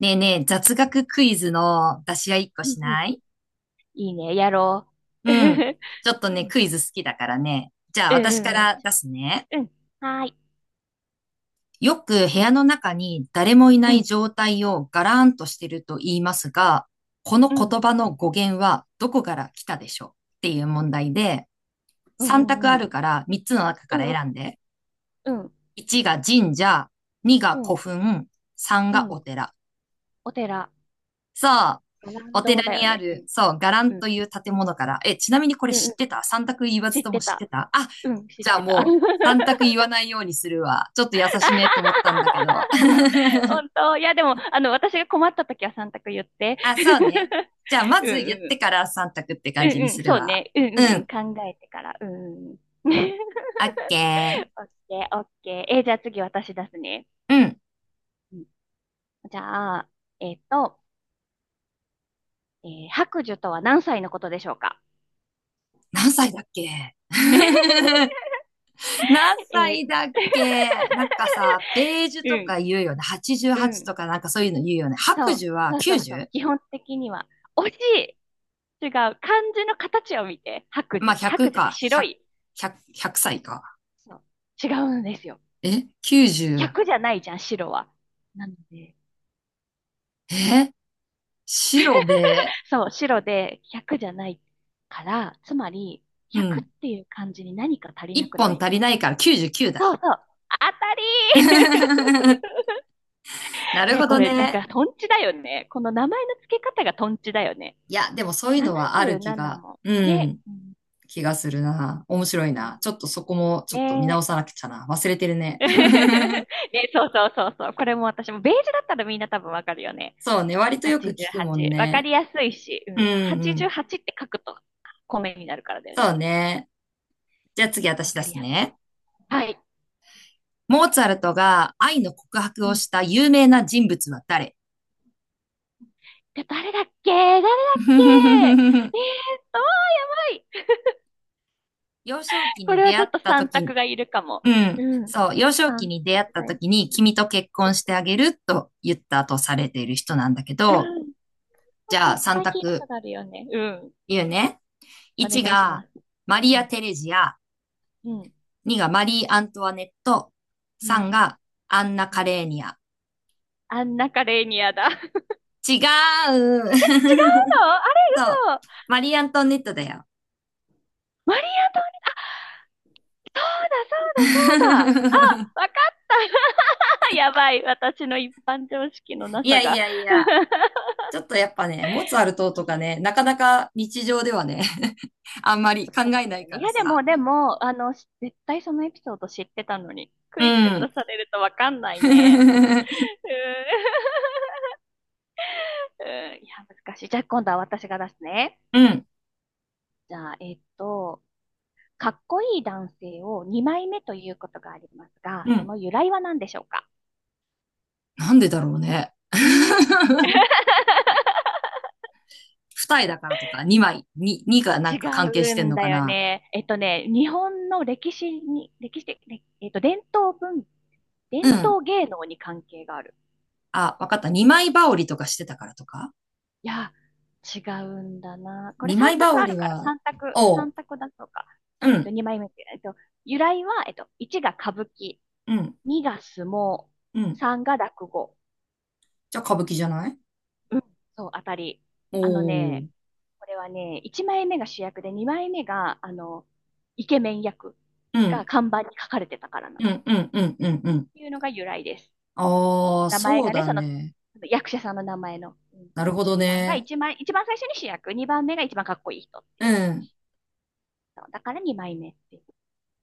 ねえねえ、雑学クイズの出し合い一個うんしうんない？いいね、やろう。うん。うんちょっとね、クイズ好きだからね。じゃあうん私かうら出すね。ん。うん、はーい。よく部屋の中に誰もいなういん、状態をガラーンとしてると言いますが、このう言ん、葉の語源はどこから来たでしょう？っていう問題で、う3択ん、あうん、るから3つの中うからん、選んで。うん、うん、1が神社、2うがん、う古ん墳、3うがん。お寺。お寺、そう。乱お道寺だよにあね。うる、ん、そう、伽藍うん、という建物から。え、ちなみにこれう知ん。ってた？三択言わ知ずっともて知った。てた？あ、うん、知っじゃあてた。もう、三択言わないようにするわ。ちょっと優しめと思ったんだ けど。本当。いや、でも、あの、私が困った時は3択言って。あ、そうね。じゃあまうんず言っうてん。から三択って感じにうん。するそうわ。ね。ううん。ん。考えてから。うん。オッケー。オッケー、オッケー。じゃあ次私出すね。うん。うんじゃあ、えっと、白寿とは何歳のことでしょうか？ 何歳だっけ？ 何 えー 歳だっ け？なんかさ、ベージュうとん、か言うよね。う88ん。とかなんかそういうの言うよね。白そう、寿は そう。90？ 基本的には。惜しい、違う。漢字の形を見て。白まあ、寿。100白寿ってか、白い。100歳か。そう。違うんですよ。え？ 90。100じゃないじゃん、白は。なので。え、白で、そう、白で100じゃないから、つまり、う100っん。ていう漢字に何か足りな1くな本い？足りないから99だ。そうそう。あ、当たりー。 なるね、ほこどれなんね。かトンチだよね。この名前の付け方がトンチだよね。いや、でもそういうのはある気77が、も。うね。ん、うん気がするな。面白いうんな。ちょっとそこもちょっと見直ね。さなくちゃな。忘れてるね。ね、そう。これも私も、ベージュだったらみんな多分わかるよね。そうね。割とよく聞くもん88。わかね。りやすいし、ううんん。うん。88って書くと米になるからだよそね。うね。じゃあ次私わ出かりすやすい。ね。はい。モーツァルトが愛の告白うをん。した有名な人物は誰？ で、誰だっけ。 あー、やばい。幼少期こにれは出ち会ょっっとた三時、択がいるかも。うん。うん。そう、幼少期三に出会っ択たがい時る。に君と結婚してあげると言ったとされている人なんだけうど、ん。絶じゃあ3対聞いたこ択とあるよね。うん。言うね。お1願いしまがす。マリうア・ん。テレジア、うん。2がマリー・アントワネット、う3ん。がアンナ・うカんレーニア。アンナカレーニアだ。違う違う？ のあれ？ そう、嘘。マリー・アントワネットだよ。マリア、そうだ、そうだ、そうだ。あ、わかった。やばい。私の一般常識のないさやいが。やい や、ちょっとやっぱね、モーツァルトうとかね、んなかなか日常ではね、あんまり考そうえなだいよね。かいらや、でも、さ。でも、あの、し絶対そのエピソード知ってたのに、クイズで出うん。されるとわかんないね。うん。うんいや、難しい。じゃあ、今度は私が出すね。うん。じゃあ、かっこいい男性を2枚目ということがありますが、うそん。の由来は何でしょうか？なんでだろうね。二重だからとか、二枚、に二がな違んか関係しうてんんのだかよな。ね。日本の歴史に、歴史的、えっと、伝統文、う伝ん。統芸能に関係がある。あ、わかった。二枚羽織とかしてたからとか。いや、違うんだな。これ二枚3羽択あ織るから、は、おう。3択だとか。うん。2枚目って、由来は、1が歌舞伎、うん。2が相撲、うん。3が落語、じゃあ歌舞伎じゃない？うん、そう、当たり。おあのおー。ね、これはね、1枚目が主役で2枚目が、あの、イケメン役うがん。看板に書かれてたからなうの。っん。うん。うん。うん。うん。ていうのが由来です。ああ、名前そうがね、だその、ね。役者さんの名前の、うん、なるほど順番がね。一番最初に主役、2番目が一番かっこいい人ってういう。ん。そうだから2枚目っていう。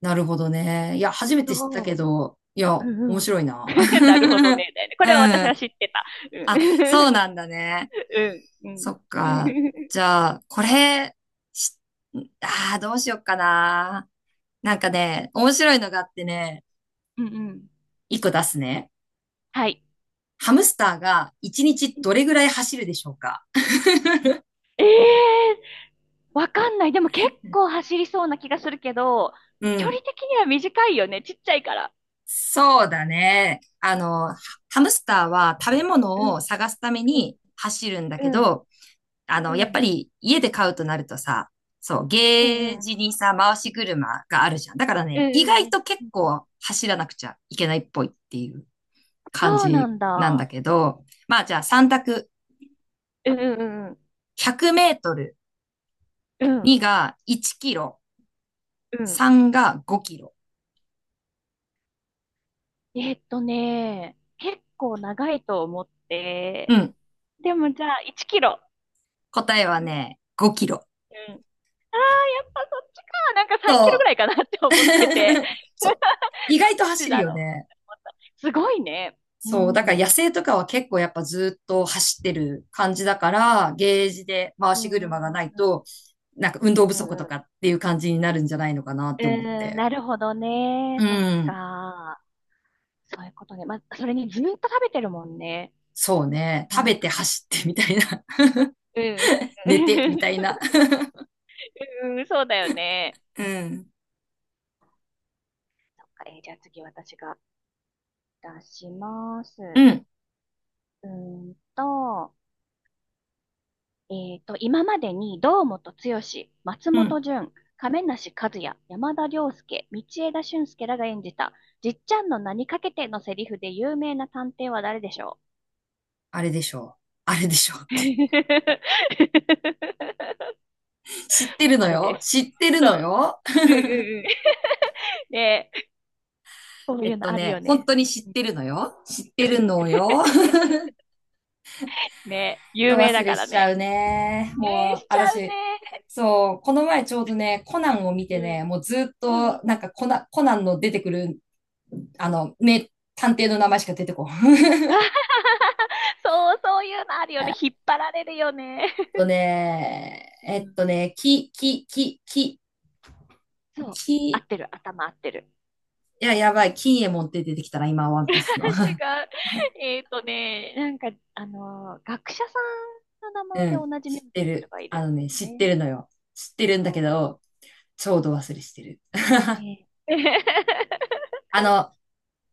なるほどね。いや、初めて知ったけそど、いう。や、う面んう白ん。いな。なるほど ね。だよね。こうれは私はん。知ってた。あ、うそうん。なんだね。うん。うん。そっか。じゃあ、これ、し、ああ、どうしよっかな。なんかね、面白いのがあってね、うんうん。一個出すね。はい。ハムスターが一日うん、どれぐらい走るでしょうか？ ええ、わかんない。でも結構 走りそうな気がするけど、う距離ん。的には短いよね。ちっちゃいから。そうだね。ハムスターは食べう物んを探すためうんに走るんだうけんど、あの、やうっぱんり家で買うとなるとさ、そう、うんうゲーんうんジにさ、回し車があるじゃん。だからうんね、意外うと結んうん。構走らなくちゃいけないっぽいっていう感そうなじんなんだ。だけど、まあじゃあ3択。うんうん100メートル、うんうん。うん2が1キロ、う3が5キロ。ね、結構長いと思って、うん。でもじゃあ1キロ。答えはね、5キロ。うん。ああ、やっぱそっちか。なんか3キそロぐう。らいかなって思ってて。そどっう。意外とち走るだよろね。う。すごいね。うそう、ん。だかうらん野生とかは結構やっぱずっと走ってる感じだから、ゲージで回うしんう車がないんと、なんか運う動不足とんうかっんていう感じになるんじゃないのかなっうて思っーん、て。なるほどうね。そっん。か。そういうことね。まあ、それにずっと食べてるもんね。そうね。な食んべか。て走っうてみん、たいな。うん、寝てうみん。たいな。うん、そうだよね。うん。そっか、じゃあ次私が出します。うん。うーんと、今までに堂本剛、松う本ん。潤、亀梨和也、山田涼介、道枝駿佑らが演じた、じっちゃんの名にかけてのセリフで有名な探偵は誰でしょあれでしょう。あれでしょうっう？ て。知ってるのあれでよ。す。知ってるのよ。うんうんうん ねえ、こ うえいうっのとあるね、よ本ね。当に知っうんてるのよ。知っうてるん。のよ。ねえ、と有名忘だれかしらちゃうね。ね。えー、もう、しちゃう私、ね。そう、この前ちょうどね、コナンを見うてね、ん。もうずっうんうと、ん。コナンの出てくる、あの、名探偵の名前しか出てこん。そう、そういうのある よえね。っ引っ張られるよね。とね、うえっん。とね、そう。き、合いってる。頭合ってる。や、やばい、金右衛門って出てきたな、今、ワン ピースの。違 う。えっとね、なんか、学者さんの名前うでん、同じ名知っ字のて人る。がいあるのね、ん知だよってね。るのよ。知ってるんだけそう。ど、ちうょうど忘れしてる。んねえ。あ の、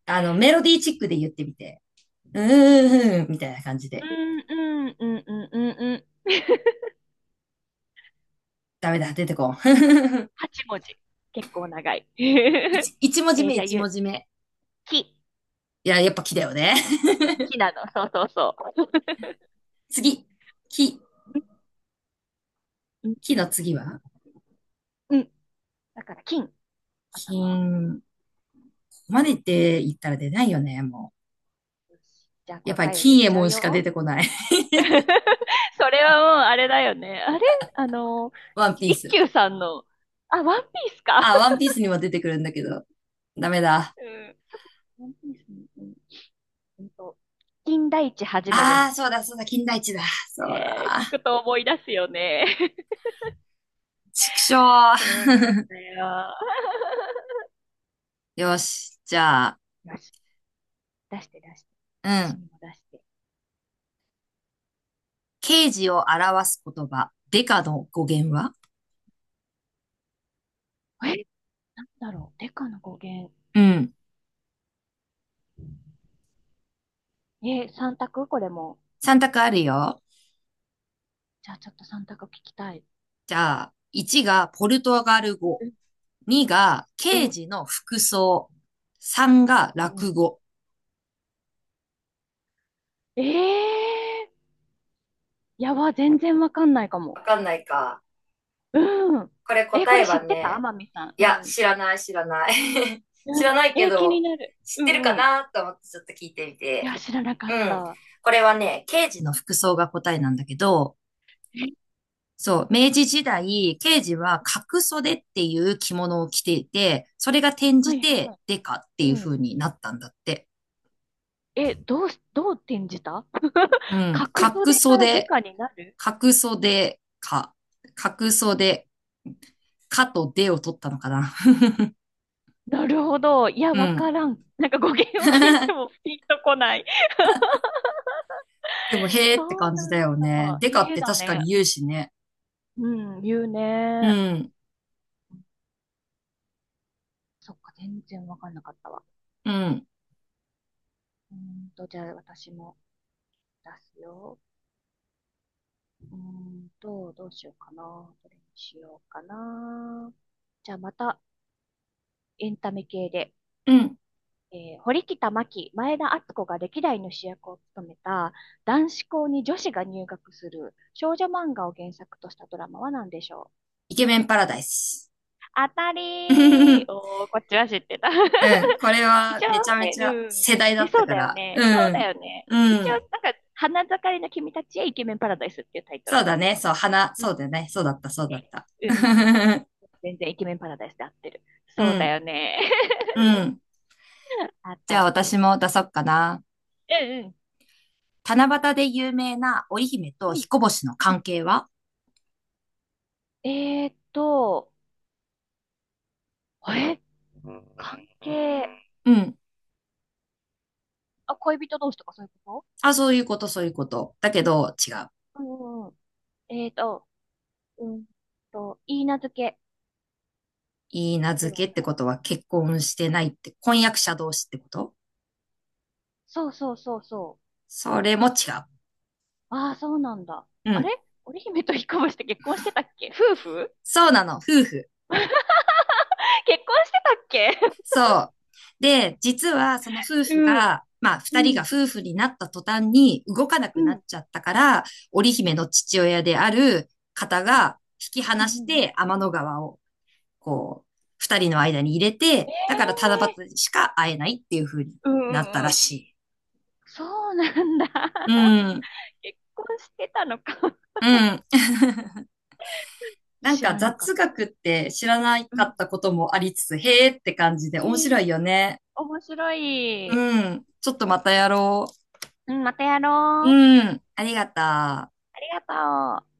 あの、メロディーチックで言ってみて。うーん、みたいな感じうで。んうんうんうんうんうんダメだ、出てこん。8文字。結構長い。え一文字ー目、じゃあ、一文字目。き。いや、やっぱ木だよね。うんきなの。そう。次。木。うん、木の次はうん。うんだから、金。頭は。金。マネって言ったら出ないよね、もよし。じゃあ、う。やっぱり答えを金言っ右衛ちゃう門しか出よ。てこない。それはもう、あれだよね。あれあの、ワンピー一ス。休さんの、あ、ワンピースか。あ、ワンピースにも出てくるんだけど。ダメだ。うん。ワンピースの、うん、うんと、金田一はじめであーす。そうだ、そうだ、金田一だ。そうえー、聞だ。くと思い出すよね。畜生。そうなんだよ。よし。じゃあ、よし。出して。う私ん。にも出して。刑事を表す言葉。デカの語源は？え、なんだろう。デカの語源。うん。え、三択これも。三択あるよ。じゃあちょっと三択聞きたい。じゃあ、1がポルトガル語、うん、2がう刑ん、事の服装、3がう落ん。語。えー、やば、全然わかんないかも。わかんないか。うん。これえ、こ答れえ知はってた、ね、天海さん。いうや、ん。知らない、知らない。う知ん。らないけえ、気にど、なる。知ってるかうん。なと思ってちょっと聞いてみいて。や、知らなかっうん。た。これはね、刑事の服装が答えなんだけど、え、そう、明治時代、刑事は角袖っていう着物を着ていて、それが転はじいはてい。デカっていううん。風になったんだって。え、どう転じた？ う ん、角度角でからデ袖、カになる？角袖か、角袖、かとでを取ったのかな。なるほど。いや、うわかん。らん。なんか語源を聞いても ピンとこない。でも、へーってそう感なじだよんね。だ。でかっへえてだ確かにね。言うしね。うん、言ううね。ん、そっか、全然わかんなかったわ。うん、うーんと、じゃあ私も出すよ。うーんと、どうしようかな。どれにしようかな。じゃあまたエンタメ系で。うん。えー、堀北真希、前田敦子が歴代の主役を務めた男子校に女子が入学する少女漫画を原作としたドラマは何でしょう？イケメンパラダイス。当た うり。をこっちは知ってた。ん、これ一は応めちゃめね、ちゃうん。世代だね、ったそうかだよら。ね。うそうだん、よね。う一ん。応、なんか、花盛りの君たちへイケメンパラダイスっていうタイトルそうなんだだけね。どそね。う、花、うんうそうん。だね。そうだった、そうだっね。た。うんうんうん。全然イケメンパラダイスで合ってる。うそうだん、よね。うん。あじたゃありで私す。も出そっかな。うんうん。七夕で有名な織姫とうん。彦星のう関ん係は？えーっと、え、関係、うん。あ、恋人同士とかそういうこあ、そういうこと、そういうこと。だけど、違う。と？うん。えーっと、うんと、いいなずけいい名で付は？けってことは結婚してないって、婚約者同士ってこと？そう。それも違ああ、そうなんだ。う。うあれ、ん。織姫と彦星って結婚してたっけ？夫婦？そうなの、夫婦。結婚してたっけ？そう。で、実はその夫婦うん。が、まあ、二人 うがん。夫婦になった途端に動かなうくなっん。ちゃったから、織姫の父親である方うん。が引きう離しん。うんて天の川を、こう、二人の間に入れて、えだから七え夕しか会えないっていう風にー。なったんらうん。しい。そうなんだ。う ん。結婚してたのか。うん。なん知からなかっ雑た。学って知らなうかっん。たこともありつつ、へーって感じで面え白いえ、よね。面白い。うん。ちょっとまたやろうん、またやう。ろう。うん。ありがとう。ありがとう。